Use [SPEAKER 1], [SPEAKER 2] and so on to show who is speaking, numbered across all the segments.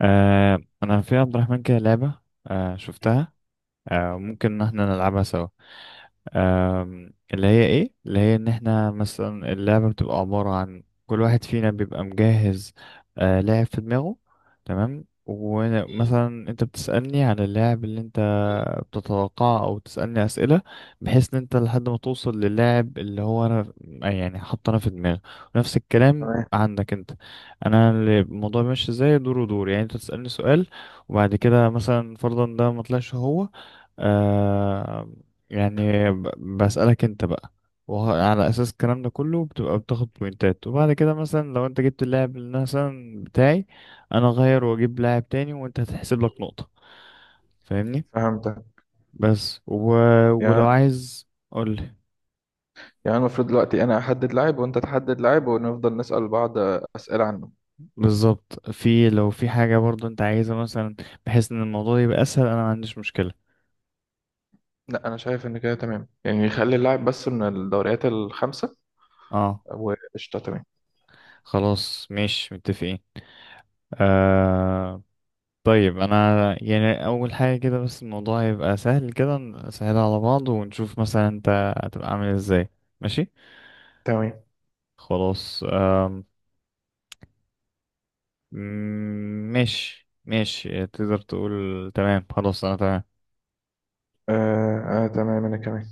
[SPEAKER 1] انا في عبد الرحمن كده لعبة. آه، شفتها. آه، ممكن ان احنا نلعبها سوا. اللي هي ان احنا مثلا اللعبة بتبقى عبارة عن كل واحد فينا بيبقى مجهز لاعب في دماغه. تمام، ومثلا انت بتسألني عن اللاعب اللي انت بتتوقعه او تسألني اسئلة، بحيث ان انت لحد ما توصل للاعب اللي هو انا يعني حاطه انا في دماغي، ونفس الكلام
[SPEAKER 2] تمام.
[SPEAKER 1] عندك انت. الموضوع ماشي ازاي، دور ودور. يعني انت تسألني سؤال وبعد كده مثلا فرضا ده ما طلعش هو، آه، يعني بسألك انت بقى. وعلى اساس الكلام ده كله بتبقى بتاخد بوينتات، وبعد كده مثلا لو انت جبت اللاعب اللي مثلا بتاعي انا اغير واجيب لاعب تاني وانت هتحسب لك نقطة. فاهمني؟
[SPEAKER 2] فهمتك.
[SPEAKER 1] بس و... ولو
[SPEAKER 2] يعني
[SPEAKER 1] عايز قولي.
[SPEAKER 2] يعني المفروض دلوقتي انا احدد لاعب وانت تحدد لاعب ونفضل نسأل بعض اسئلة عنه.
[SPEAKER 1] بالظبط، في لو في حاجة برضو انت عايزها مثلا بحيث ان الموضوع يبقى اسهل، انا ما عنديش مشكلة.
[SPEAKER 2] لا، انا شايف ان كده تمام، يعني يخلي اللاعب بس من الدوريات الخمسة
[SPEAKER 1] اه،
[SPEAKER 2] وقشطة. تمام،
[SPEAKER 1] خلاص ماشي، متفقين. آه. طيب انا يعني اول حاجه كده، بس الموضوع هيبقى سهل، كده سهل على بعض، ونشوف مثلا انت هتبقى عامل ازاي. ماشي.
[SPEAKER 2] تمام.
[SPEAKER 1] خلاص ماشي ماشي، تقدر تقول تمام. خلاص، انا تمام.
[SPEAKER 2] آه، آه، تمام انا كمان.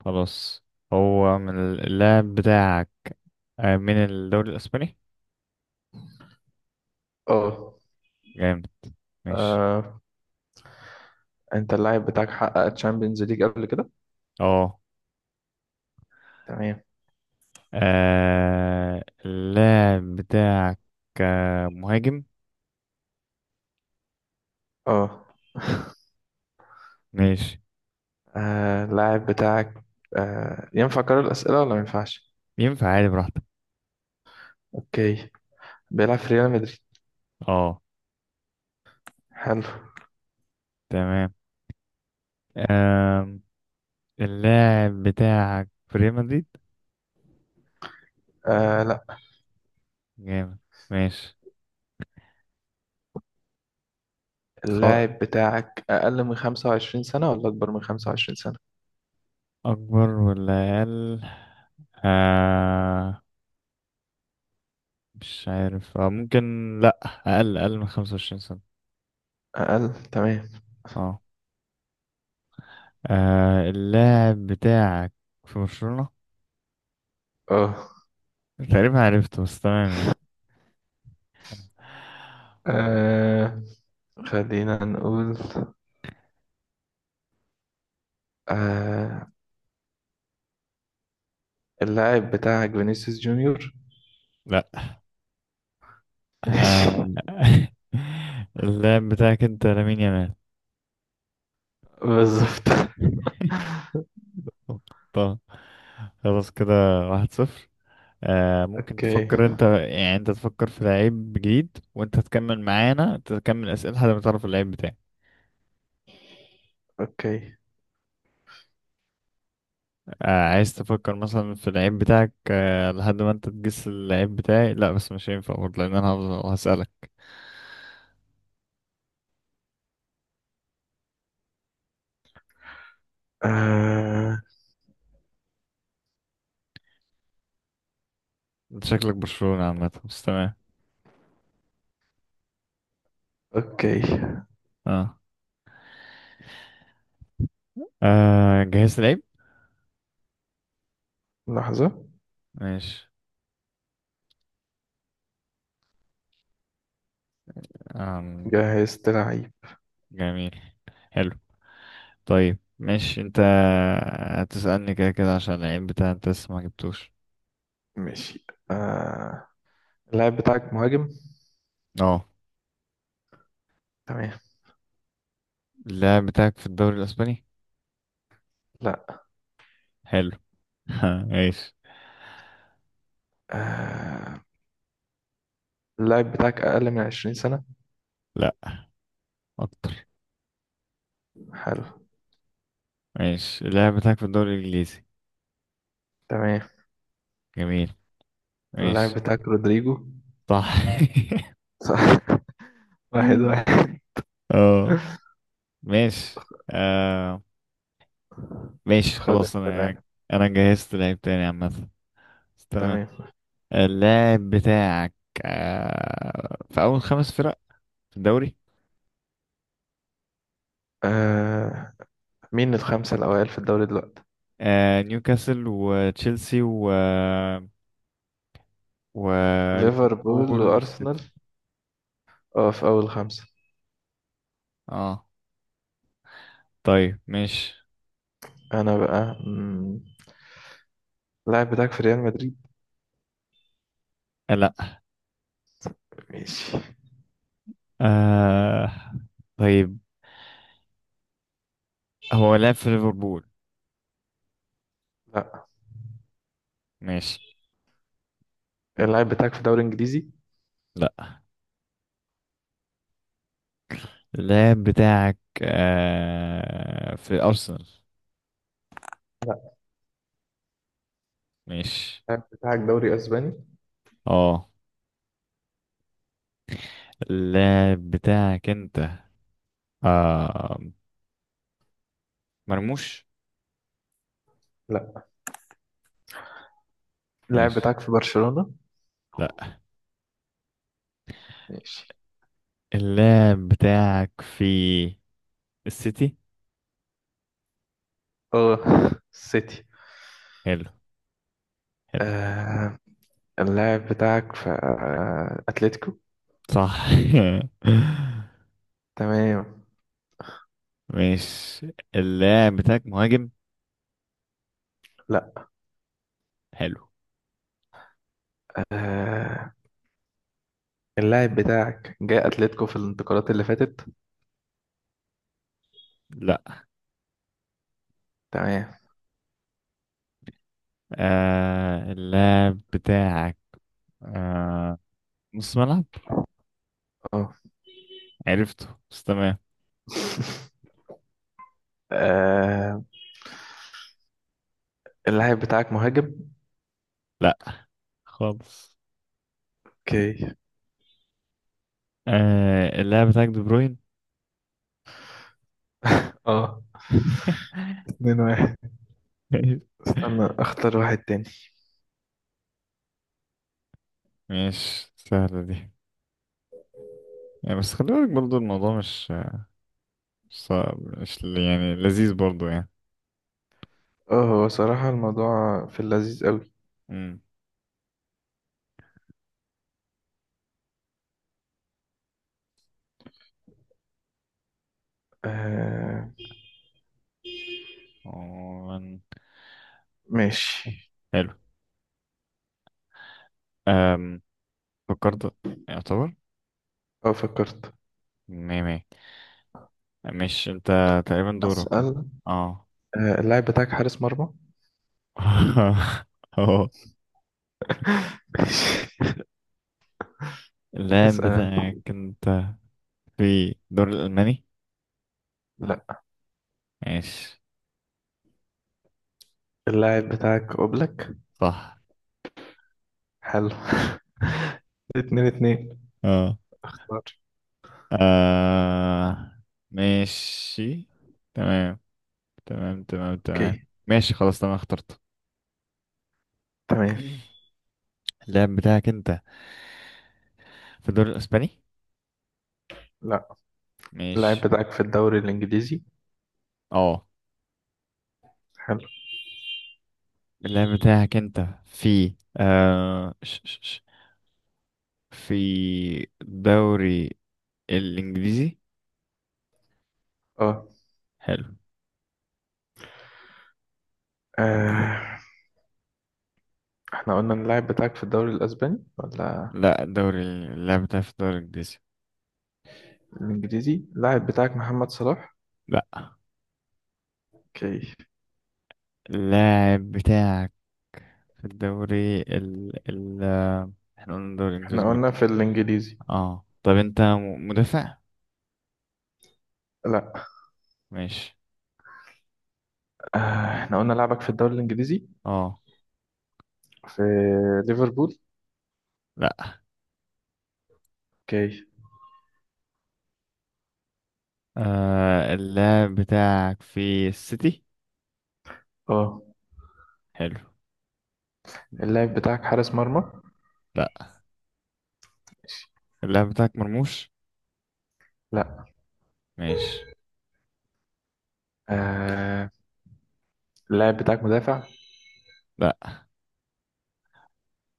[SPEAKER 1] خلاص. هو من اللاعب بتاعك؟ آه، من الدوري الاسباني.
[SPEAKER 2] اه،
[SPEAKER 1] جامد، ماشي.
[SPEAKER 2] آه، انت اللاعب بتاعك حقق تشامبيونز ليج قبل كده؟
[SPEAKER 1] اه.
[SPEAKER 2] تمام.
[SPEAKER 1] اللاعب بتاعك مهاجم؟
[SPEAKER 2] اه،
[SPEAKER 1] ماشي.
[SPEAKER 2] آه، اللاعب بتاعك. ينفع اكرر الأسئلة ولا ما ينفعش؟
[SPEAKER 1] ينفع عادي، براحتك.
[SPEAKER 2] اوكي. بيلعب في ريال مدريد؟
[SPEAKER 1] اه
[SPEAKER 2] حلو.
[SPEAKER 1] تمام. آم، اللاعب بتاعك في ريال مدريد؟
[SPEAKER 2] آه،
[SPEAKER 1] جامد، ماشي. خ-
[SPEAKER 2] اللاعب بتاعك أقل من 25 سنة ولا أكبر من 25 سنة؟
[SPEAKER 1] أكبر ولا أقل؟ آه، مش عارف، آه ممكن. لأ. أقل، أقل من 25 سنة.
[SPEAKER 2] أقل، تمام.
[SPEAKER 1] اه. اللاعب بتاعك في برشلونة؟
[SPEAKER 2] أه،
[SPEAKER 1] تقريبا عرفته بس، تمام يعني.
[SPEAKER 2] آه، خلينا نقول، آه اللاعب بتاعك فينيسيوس جونيور؟
[SPEAKER 1] لأ.
[SPEAKER 2] ماشي.
[SPEAKER 1] آه. اللاعب بتاعك أنت لامين يامال.
[SPEAKER 2] بالظبط.
[SPEAKER 1] طب خلاص كده. 1-0. آه ممكن
[SPEAKER 2] أوكي،
[SPEAKER 1] تفكر انت، يعني انت تفكر في لعيب جديد وانت تكمل معانا، انت تكمل اسئله لحد ما تعرف اللعيب بتاعي.
[SPEAKER 2] أوكي.
[SPEAKER 1] آه عايز تفكر مثلا في اللعيب بتاعك آه لحد ما انت تجس اللعيب بتاعي، لا بس مش هينفع برضه لان انا هفضل هسالك.
[SPEAKER 2] آه،
[SPEAKER 1] انت شكلك برشلونه عامه، بس تمام.
[SPEAKER 2] أوكي.
[SPEAKER 1] اه, آه جهزت لعيب.
[SPEAKER 2] لحظة.
[SPEAKER 1] ماشي. آم.
[SPEAKER 2] جهزت لعيب.
[SPEAKER 1] جميل، حلو. طيب ماشي، انت هتسالني كده كده عشان اللعيب بتاعك انت لسه ما جبتوش.
[SPEAKER 2] ماشي. آه، اللاعب بتاعك مهاجم؟
[SPEAKER 1] اه،
[SPEAKER 2] تمام.
[SPEAKER 1] اللاعب بتاعك في الدوري الاسباني؟
[SPEAKER 2] لا.
[SPEAKER 1] حلو. ماشي.
[SPEAKER 2] آه، اللاعب بتاعك أقل من 20 سنة؟
[SPEAKER 1] لا، اكتر.
[SPEAKER 2] حلو،
[SPEAKER 1] ماشي، اللاعب بتاعك في الدوري الانجليزي؟
[SPEAKER 2] تمام.
[SPEAKER 1] جميل،
[SPEAKER 2] اللاعب
[SPEAKER 1] ماشي.
[SPEAKER 2] بتاعك رودريجو؟
[SPEAKER 1] صح.
[SPEAKER 2] صح. واحد واحد
[SPEAKER 1] اه، ماشي. آه. ماشي
[SPEAKER 2] خد
[SPEAKER 1] خلاص. انا
[SPEAKER 2] الفرق.
[SPEAKER 1] انا جهزت لعيب تاني عامة. تمام.
[SPEAKER 2] تمام.
[SPEAKER 1] اللاعب بتاعك في اول خمس فرق في الدوري؟
[SPEAKER 2] آه، مين الخمسة الأوائل في الدوري دلوقتي؟
[SPEAKER 1] آه، نيوكاسل وتشيلسي
[SPEAKER 2] ليفربول
[SPEAKER 1] وليفربول
[SPEAKER 2] وأرسنال؟
[SPEAKER 1] والسيتي.
[SPEAKER 2] اه، في أول خمسة.
[SPEAKER 1] اه طيب ماشي.
[SPEAKER 2] أنا بقى، اللاعب بتاعك في ريال مدريد؟
[SPEAKER 1] آه، لا.
[SPEAKER 2] ماشي.
[SPEAKER 1] آه. طيب، هو لعب في ليفربول؟
[SPEAKER 2] لا.
[SPEAKER 1] ماشي.
[SPEAKER 2] اللاعب بتاعك في دوري إنجليزي؟
[SPEAKER 1] لا. اللاعب بتاعك في أرسنال؟ ماشي.
[SPEAKER 2] اللاعب بتاعك دوري أسباني؟
[SPEAKER 1] اه. اللاعب بتاعك انت آه مرموش؟
[SPEAKER 2] لا. اللاعب
[SPEAKER 1] ماشي.
[SPEAKER 2] بتاعك في برشلونة؟
[SPEAKER 1] لا.
[SPEAKER 2] ماشي.
[SPEAKER 1] اللاعب بتاعك في السيتي.
[SPEAKER 2] اه، سيتي.
[SPEAKER 1] حلو، حلو.
[SPEAKER 2] آه، اللاعب بتاعك في أتلتيكو؟
[SPEAKER 1] صح.
[SPEAKER 2] تمام.
[SPEAKER 1] ماشي. اللاعب بتاعك مهاجم؟
[SPEAKER 2] لا.
[SPEAKER 1] حلو.
[SPEAKER 2] آه، اللاعب بتاعك جاي اتلتيكو في الانتقالات اللي فاتت؟
[SPEAKER 1] لا.
[SPEAKER 2] تمام.
[SPEAKER 1] اللاعب بتاعك آه نص ملعب؟
[SPEAKER 2] اه.
[SPEAKER 1] عرفته بس، تمام.
[SPEAKER 2] آه، اللاعب بتاعك مهاجم؟
[SPEAKER 1] لا، خالص.
[SPEAKER 2] اوكي.
[SPEAKER 1] اللاعب بتاعك دي بروين.
[SPEAKER 2] اه، 2-1. استنى، اختار واحد تاني.
[SPEAKER 1] ماشي، سهلة دي يعني. بس خلي بالك برضو، الموضوع مش صعب، مش ل- يعني لذيذ برضو يعني.
[SPEAKER 2] اه، هو صراحة الموضوع في اللذيذ قوي.
[SPEAKER 1] امم
[SPEAKER 2] آه،
[SPEAKER 1] عموماً.
[SPEAKER 2] ماشي.
[SPEAKER 1] حلو. أم. فكرت، يعتبر
[SPEAKER 2] اه، فكرت.
[SPEAKER 1] مية مية. مش انت تقريبا دورك؟
[SPEAKER 2] اسأل.
[SPEAKER 1] اه.
[SPEAKER 2] آه، اللاعب بتاعك حارس مرمى؟
[SPEAKER 1] اه،
[SPEAKER 2] ماشي.
[SPEAKER 1] اللاعب
[SPEAKER 2] اسأل انت.
[SPEAKER 1] بتاعك انت في الدوري الألماني؟
[SPEAKER 2] لا.
[SPEAKER 1] ماشي.
[SPEAKER 2] اللاعب بتاعك اوبلك؟
[SPEAKER 1] صح.
[SPEAKER 2] حلو. 2-2.
[SPEAKER 1] اه،
[SPEAKER 2] اختار.
[SPEAKER 1] آه، ماشي. تمام، تمام تمام
[SPEAKER 2] اوكي،
[SPEAKER 1] تمام ماشي خلاص، تمام اخترت.
[SPEAKER 2] تمام.
[SPEAKER 1] اللاعب بتاعك انت في الدوري الاسباني؟
[SPEAKER 2] لا. اللاعب
[SPEAKER 1] ماشي.
[SPEAKER 2] بتاعك في الدوري الانجليزي؟
[SPEAKER 1] اه،
[SPEAKER 2] حلو.
[SPEAKER 1] اللاعب بتاعك انت في آه ش ش ش في الدوري الانجليزي؟
[SPEAKER 2] اه،
[SPEAKER 1] حلو.
[SPEAKER 2] آه، احنا قلنا إن اللاعب بتاعك في الدوري الاسباني ولا
[SPEAKER 1] لا الدوري، اللاعب بتاعك في الدوري الانجليزي.
[SPEAKER 2] الانجليزي؟ اللاعب بتاعك محمد صلاح؟
[SPEAKER 1] لا.
[SPEAKER 2] اوكي.
[SPEAKER 1] اللاعب بتاعك في الدوري ال ال آه، احنا قلنا الدوري الانجليزي
[SPEAKER 2] احنا قلنا
[SPEAKER 1] برضه.
[SPEAKER 2] في الانجليزي.
[SPEAKER 1] اه طب انت مدافع؟
[SPEAKER 2] لا.
[SPEAKER 1] ماشي.
[SPEAKER 2] آه، احنا قلنا لاعبك في الدوري الانجليزي.
[SPEAKER 1] اه
[SPEAKER 2] في ليفربول؟
[SPEAKER 1] لا.
[SPEAKER 2] اوكي.
[SPEAKER 1] آه، اللاعب بتاعك في السيتي.
[SPEAKER 2] اه،
[SPEAKER 1] حلو.
[SPEAKER 2] اللاعب بتاعك حارس مرمى؟
[SPEAKER 1] لا. اللاعب بتاعك مرموش؟
[SPEAKER 2] لا.
[SPEAKER 1] ماشي.
[SPEAKER 2] آه، اللاعب بتاعك مدافع؟
[SPEAKER 1] لا.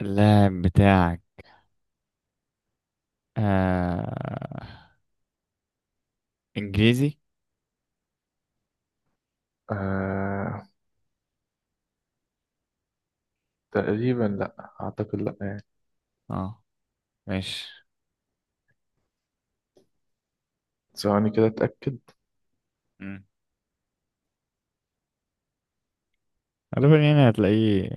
[SPEAKER 1] اللاعب بتاعك آه انجليزي.
[SPEAKER 2] آه، تقريبا لا اعتقد، لا يعني.
[SPEAKER 1] اه، ماشي.
[SPEAKER 2] ثواني كده اتاكد.
[SPEAKER 1] مم. غالبا يعني هتلاقيه.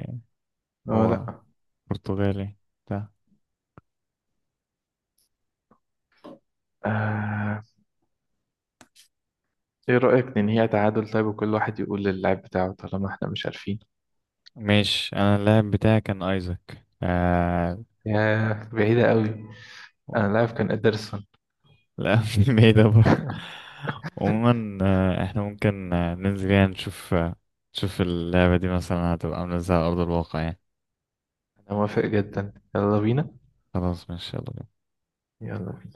[SPEAKER 2] اه،
[SPEAKER 1] هو
[SPEAKER 2] لا.
[SPEAKER 1] برتغالي بتاع.
[SPEAKER 2] آه، ايه رايك ننهيها تعادل طيب وكل واحد يقول للاعب بتاعه طالما احنا مش عارفين؟
[SPEAKER 1] ماشي، انا اللاعب بتاعي كان ايزاك. آه.
[SPEAKER 2] ياه، بعيدة قوي. أنا اللاعب كان إدرسون.
[SPEAKER 1] لا. مش بعيدة برضه. عموما احنا ممكن ننزل يعني نشوف، نشوف اللعبة دي مثلا هتبقى عاملة ازاي على أرض الواقع يعني.
[SPEAKER 2] أنا موافق جدا، يلا بينا.
[SPEAKER 1] خلاص ماشي يلا بينا.
[SPEAKER 2] يلا بينا.